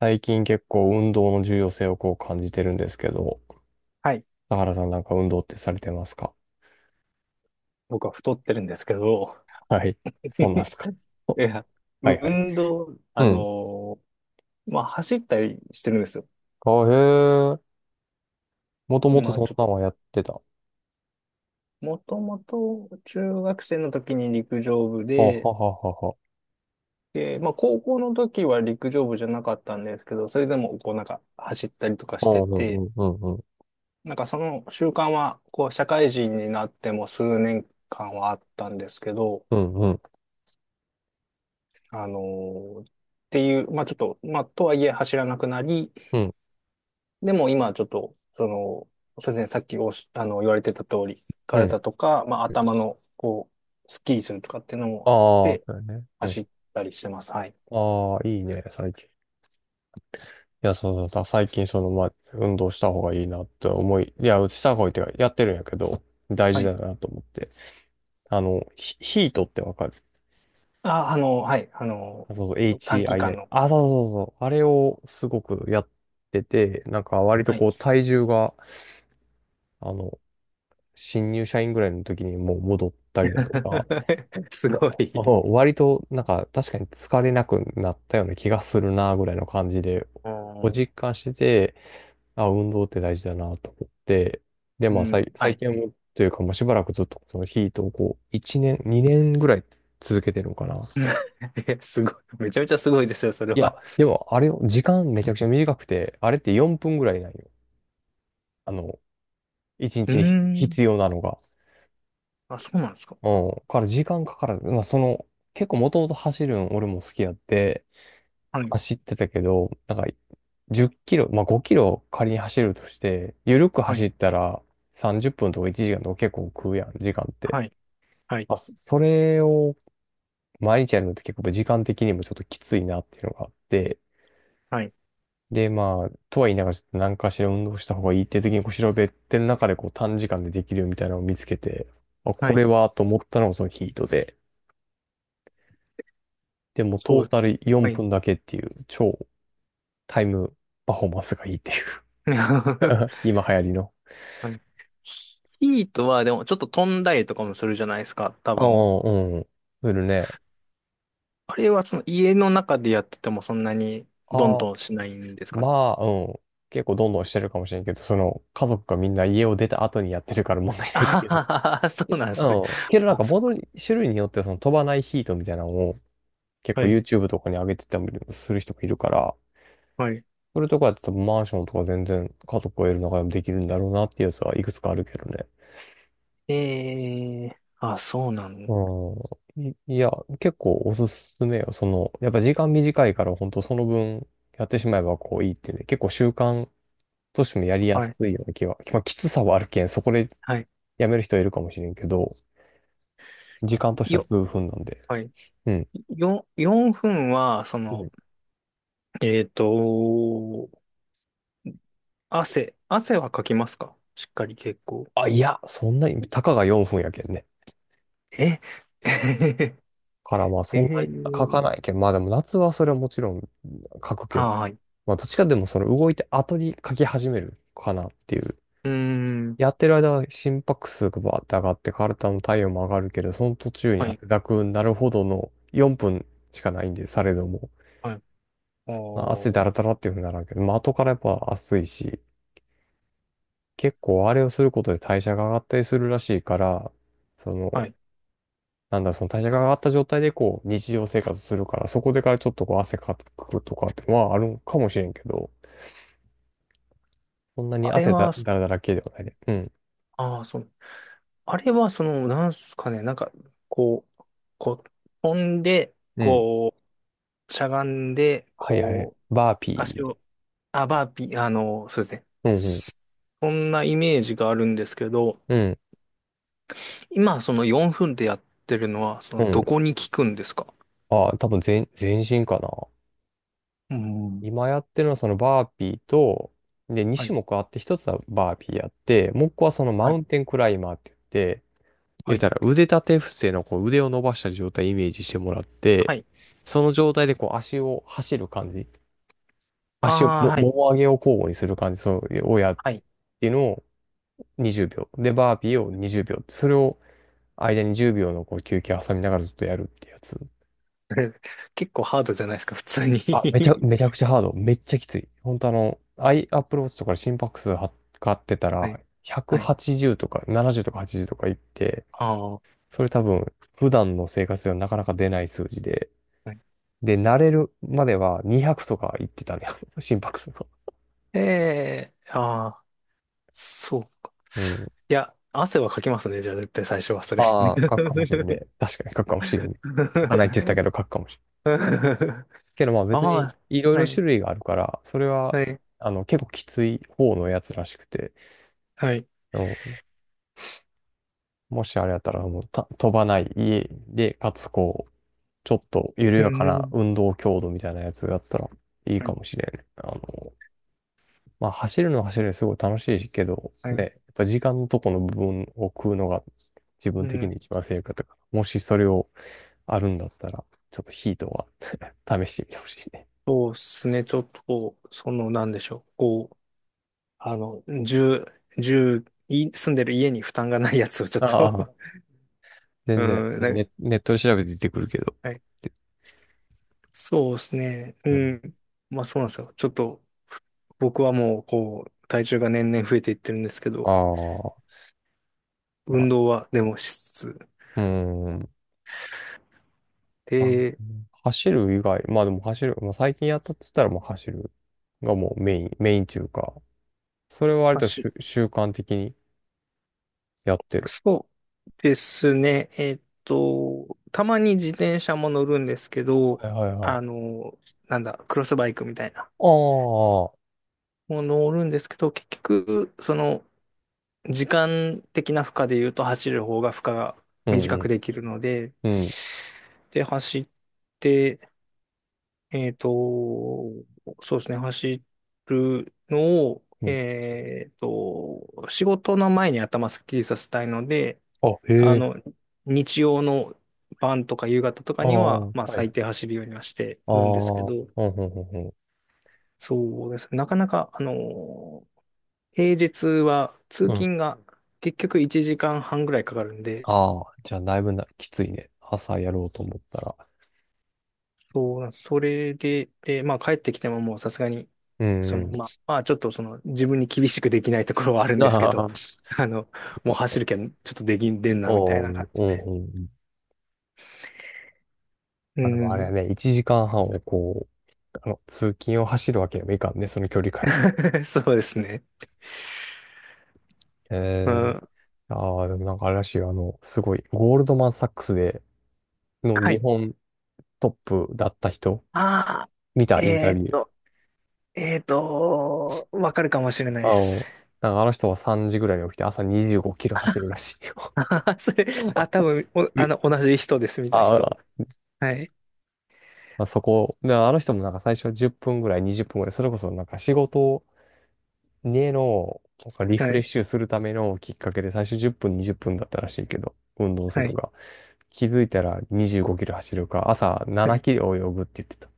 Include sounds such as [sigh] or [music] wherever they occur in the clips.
最近結構運動の重要性をこう感じてるんですけど、はい。田原さんなんか運動ってされてますか？僕は太ってるんですけど、はい。そうなん [laughs] ですか。[laughs] おいや、はいはい。運動、うん。まあ、走ったりしてるんですよ。あ、へえ。もともとまあ、そちんょっなんと、はやってた。あ、もともと中学生の時に陸上部はで、ははは。で、まあ、高校の時は陸上部じゃなかったんですけど、それでも、こう、なんか、走ったりとかあ、してうんうて、んうんうん。なんかその習慣は、こう、社会人になっても数年間はあったんですけど、うんうん。あのーっていう、まあ、ちょっと、まあ、とはいえ走らなくなり、うん。でも今ちょっと、その、そうですね、さっきおし、あの、言われてた通り、うん。体とか、まあ頭の、こう、スッキリするとかっていうのあもあっあ、そて、うよね。う走ん。ったりしてます。はい。ああ、いいね、最近。いや、そうそうだ。最近、その、まあ、運動した方がいいなって思い、いや、した方がいいっていうか、やってるんやけど、大は事い。だなと思って。あの、ヒートってわかる？あ、はい。そうそう、短期間 HII。の。あ、そうそうそうそう。あれをすごくやってて、なんか割とはい。こう体重が、あの、新入社員ぐらいの時にもう戻ったりだとか、[laughs] すわ、ごい。あ、割となんか確かに疲れなくなったような気がするな、ぐらいの感じで、うん、実感してて、あ、運動って大事だな、と思って、で、うまあ、ん、は最い。近はもう、というかもうしばらくずっとそのヒートをこう、1年、2年ぐらい続けてるのかな。[laughs] え、すごい。めちゃめちゃすごいですよ、それいや、は。でもあれよ、時間めちゃくちゃ短くて、あれって4分ぐらいなんよ。あの、1うー日に必ん。要なのが。あ、そうなんですか。うん。から時間かからず、まあその、結構もともと走るん俺も好きやって、はい。走ってたけど、なんか10キロ、まあ5キロ仮に走るとして、緩くは走い。ったら30分とか1時間とか結構食うやん、時間って。はい。はい。まあ、それを毎日やるのって結構時間的にもちょっときついなっていうのがあって、はい。で、まあ、とは言いながら、ちょっと何かしら運動した方がいいっていう時に、こう、調べての中で、こう、短時間でできるみたいなのを見つけて、あ、はこれい、は、と思ったのがそのヒートで、でも、そトーう。タルは4い。分だけっていう、超タイムパフォーマンスがいいっていう [laughs] [laughs] 今流行りの。はい。ヒートはでもちょっと飛んだりとかもするじゃないですか、多ああ、分。うん。するね。あれはその家の中でやっててもそんなにどんああ、どんしないんですかね。まあ、うん。結構どんどんしてるかもしれんけど、その、家族がみんな家を出た後にやってるから問題ないっていう。ああ、そう [laughs] なんでうすね。ん。けどなんあ、か、そっボードか。に種類によってはその飛ばないヒートみたいなのを結は構 い。YouTube とかに上げてたりもする人もいるから、はい。それとかやって多分マンションとか全然家族を得る中でもできるんだろうなっていうやつはいくつかあるけどね。えー、あ、そうなの。うん。いいや、結構おすすめよ。その、やっぱ時間短いから本当その分やってしまえばこういいってね、結構習慣としてもやりやはい。すいような気は、まあきつさはあるけん、そこではい。やめる人はいるかもしれんけど、時間としてはよ、数分なんで。はい。うん。4分は、そうの、ん、えっと、汗はかきますか、しっかり、結構？あ、いや、そんなに、たかが4分やけんね。え から、ま [laughs] えあ、そんなに書かー、ないけど、まあでも夏はそれはもちろん書くけあ、ど、はい。まあ、どっちかでもその動いて後に書き始めるかなっていう。うーん。やってる間は心拍数がバーって上がって、体の体温も上がるけど、その途中にはい。汗だくになるほどの4分しかないんで、されども。はい、まあ、汗おーだらだらっていうふうにならんけど、まあ、後からやっぱ暑いし、結構あれをすることで代謝が上がったりするらしいから、そはの、い。なんだ、その代謝が上がった状態でこう、日常生活するから、そこでからちょっとこう、汗かくとかってのはあるんかもしれんけど、そんなにあれは、だらだら系ではないで。うん。ああ、そう。あれは、その、なんすかね、なんか、こう、こう、飛んで、うん。こう、しゃがんで、はいはい。こう、バーピ足ーで。を、あ、バーピー、そうですね。うんうん。そそんなイメージがあるんですけど、うん。今、その4分でやってるのは、そうの、どん。こに効くんですか？ああ、多分全身かな。うん。今やってるのはそのバーピーと、で、2は種い、目あって、1つはバーピーやって、もう1個はそのマはウい、ンテンクライマーって言って、言はうい、たら腕立て伏せのこう腕を伸ばした状態イメージしてもらって、はい。その状態でこう足を走る感じ。足を、あも、あ、はい、もも上げを交互にする感じ、そう、をやっはい。ていうのを20秒。で、バーピーを20秒。それを間に10秒のこう休憩挟みながらずっとやるってやつ。[laughs] 結構ハードじゃないですか、普通あ、に？ めちゃくちゃハード。めっちゃきつい。本当あの、アップローチとかで心拍数は測ってた [laughs] はら、い、はい。180とか70とか80とかいって、ああ。それ多分、普段の生活ではなかなか出ない数字で。で、慣れるまでは200とかいってたね。[laughs] 心拍数が。ええ、ああ、そう。うん。いや、汗はかきますね、じゃあ絶対最初はそれ。ああ、書くかもしれんね。確かに書くかもしれんね。書かないって言っ [laughs] たけど書くかもしれん。けどまあ別あにいろいあ、はろい、種類があるから、それは、はい、あの、結構きつい方のやつらしくて、はい。あの、もしあれやったらもう飛ばない家で、かつこう、ちょっと緩うやかなん、運動強度みたいなやつだったらいいはかい、もしれんね。あの、まあ走るのは走るですごい楽しいけど、はね、やい。っぱ時間のとこの部分を食うのが自分う的ん、に一番正解だから、もしそれをあるんだったら、ちょっとヒートは試してみてほしいね。そうですね、ちょっとこう、その、なんでしょう、こう、あの、住、住んでる家に負担がないやつをちょっあと。 あ、[laughs] 全然。うん、ネットで調べて出てくるけど。はい。で、そうですね、ううん。ん。まあそうなんですよ。ちょっと、僕はもう、こう、体重が年々増えていってるんですけあど、あ、ま運あ、動はでもしつつ。うーん。あで、走る以外、まあでも走る、まあ、最近やったって言ったらもう走るがもうメイン中か。それは割とし走。ゅ習慣的にやってる。そうですね。たまに自転車も乗るんですけはど、いはいはい。あの、なんだ、クロスバイクみたいな。ああ、もう乗るんですけど、結局、その、時間的な負荷で言うと走る方が負荷がう短んうくん、できるので、うん、で、走って、えっと、そうですね、走るのを、うん。仕事の前に頭すっきりさせたいので、あ、へあえ、の、日曜の晩とか夕方とかあにあ、は、はまあい。最あ低走るようにはしてあ、うるんですけん、ど、うん、うん、うん。そうですね。なかなか、平日は通うん、勤が結局1時間半ぐらいかかるんで、ああ、じゃあだいぶな、きついね。朝やろうと思ったら。そうなんです、それで、で、まあ帰ってきてももうさすがに、うそん、うの、ん まあ、まあちょっとその自分に厳しくできないところはあるん [laughs] ですけあど、あ、[laughs] あの、もう走るけん、ちょっとできんでんなみたおいなー感うじんで。うんうん。うあ、でもあれはん。ね、1時間半をこう、あの、通勤を走るわけにもいかんね、その距離感。 [laughs] そうですね。うえー、ん。ああ、でもなんかあれらしいよ、あの、すごい、ゴールドマン・サックスでのは日い。本トップだった人、ああ、見たインタえービっュー。と、わかるかもしれないあでの、す。なんかあの人は3時ぐらいに起きて朝25キロ走るらしいよ。[laughs] あはは、それ、あ、多分、お、[laughs] うあいの、同じ人です、見たあ人。あ、はい、あそこ、で、あの人もなんか最初は10分ぐらい、20分ぐらい、それこそなんか仕事根の、なんかリフはレッい、シュするためのきっかけで最初10分、20分だったらしいけど、運動すはるのい。が。気づいたら25キロ走るか、朝は7い、キロ泳ぐって言ってた。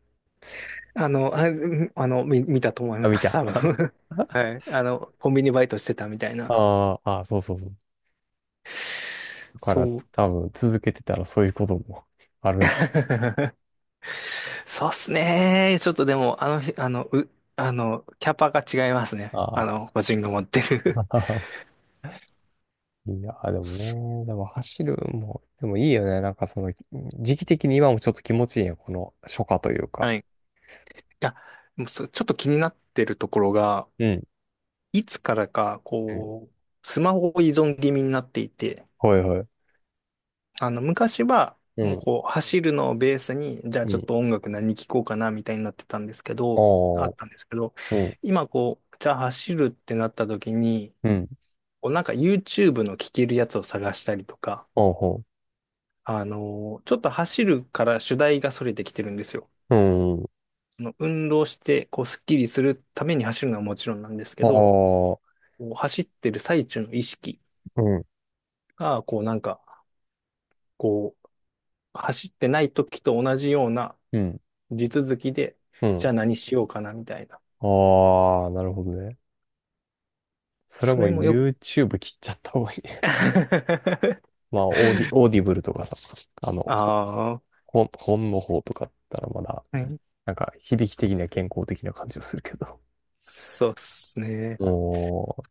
あ、うん、見たと思いあ、ま見す、た。多分。[laughs] は [laughs] い。コンビニバイトしてたみたいな。あーあー、そうそうそう。だからそう。多分続けてたらそういうこともあるんじ [laughs] そうっすね。ちょっとでも、あの日、あの、う、あの、キャパが違いますね。ゃん。ああ。個人が持ってる。[laughs] いや、でもね、[laughs] でも走るも、でもいいよね。なんかその、時期的に今もちょっと気持ちいいやん、この初夏というか。はい、いや、もう、ちょっと気になってるところが、うん。いつからか、うん。こう、スマホ依存気味になっていて、ほいほい。昔は、うもうん。こう、走るのをベースに、じゃあうちょっん。と音楽何聴こうかな、みたいになってたんですけど、あおっー。たんですけど、うん。今こう、じゃあ走るってなった時に、うん。こうなんか YouTube の聴けるやつを探したりとか、ほうほちょっと走るから主題がそれてきてるんですよ。う。うん。運動して、こう、スッキリするために走るのはもちろんなんですけあど、あ、こう走ってる最中の意識うん、が、こうなんか、こう、走ってない時と同じようなうん、地続きで、うん。じゃあ何しようかなみたいな。ああ、なるほどね。それはそもう れもよく。 YouTube 切っちゃった方がいいね。[laughs] [laughs] まあ、オーディブルとかさ、あの、ああ、は本の方とかだったらまだ、い。なんか響き的には健康的な感じもするけど。そうっすね。お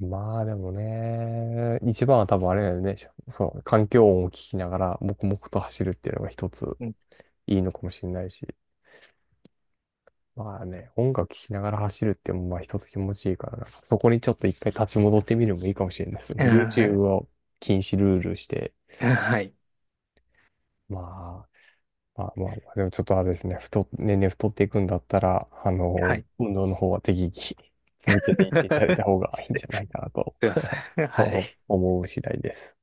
う、まあでもね、一番は多分あれだよね。その環境音を聞きながら黙々と走るっていうのが一つうん、いいのかもしれないし。まあね、音楽聴きながら走るってもまあ一つ気持ちいいからな。そこにちょっと一回立ち戻ってみるのもいいかもしれないですね。う YouTube ん。 を禁止ルールして、[laughs] はい。まあ、まあまあまあ、でもちょっとあれですね、年々太っていくんだったら、あはの、い。[laughs] はい。運動の方は適宜続けていっていただいた方がいすいんじゃないかなと いません。は [laughs] い。思う次第です。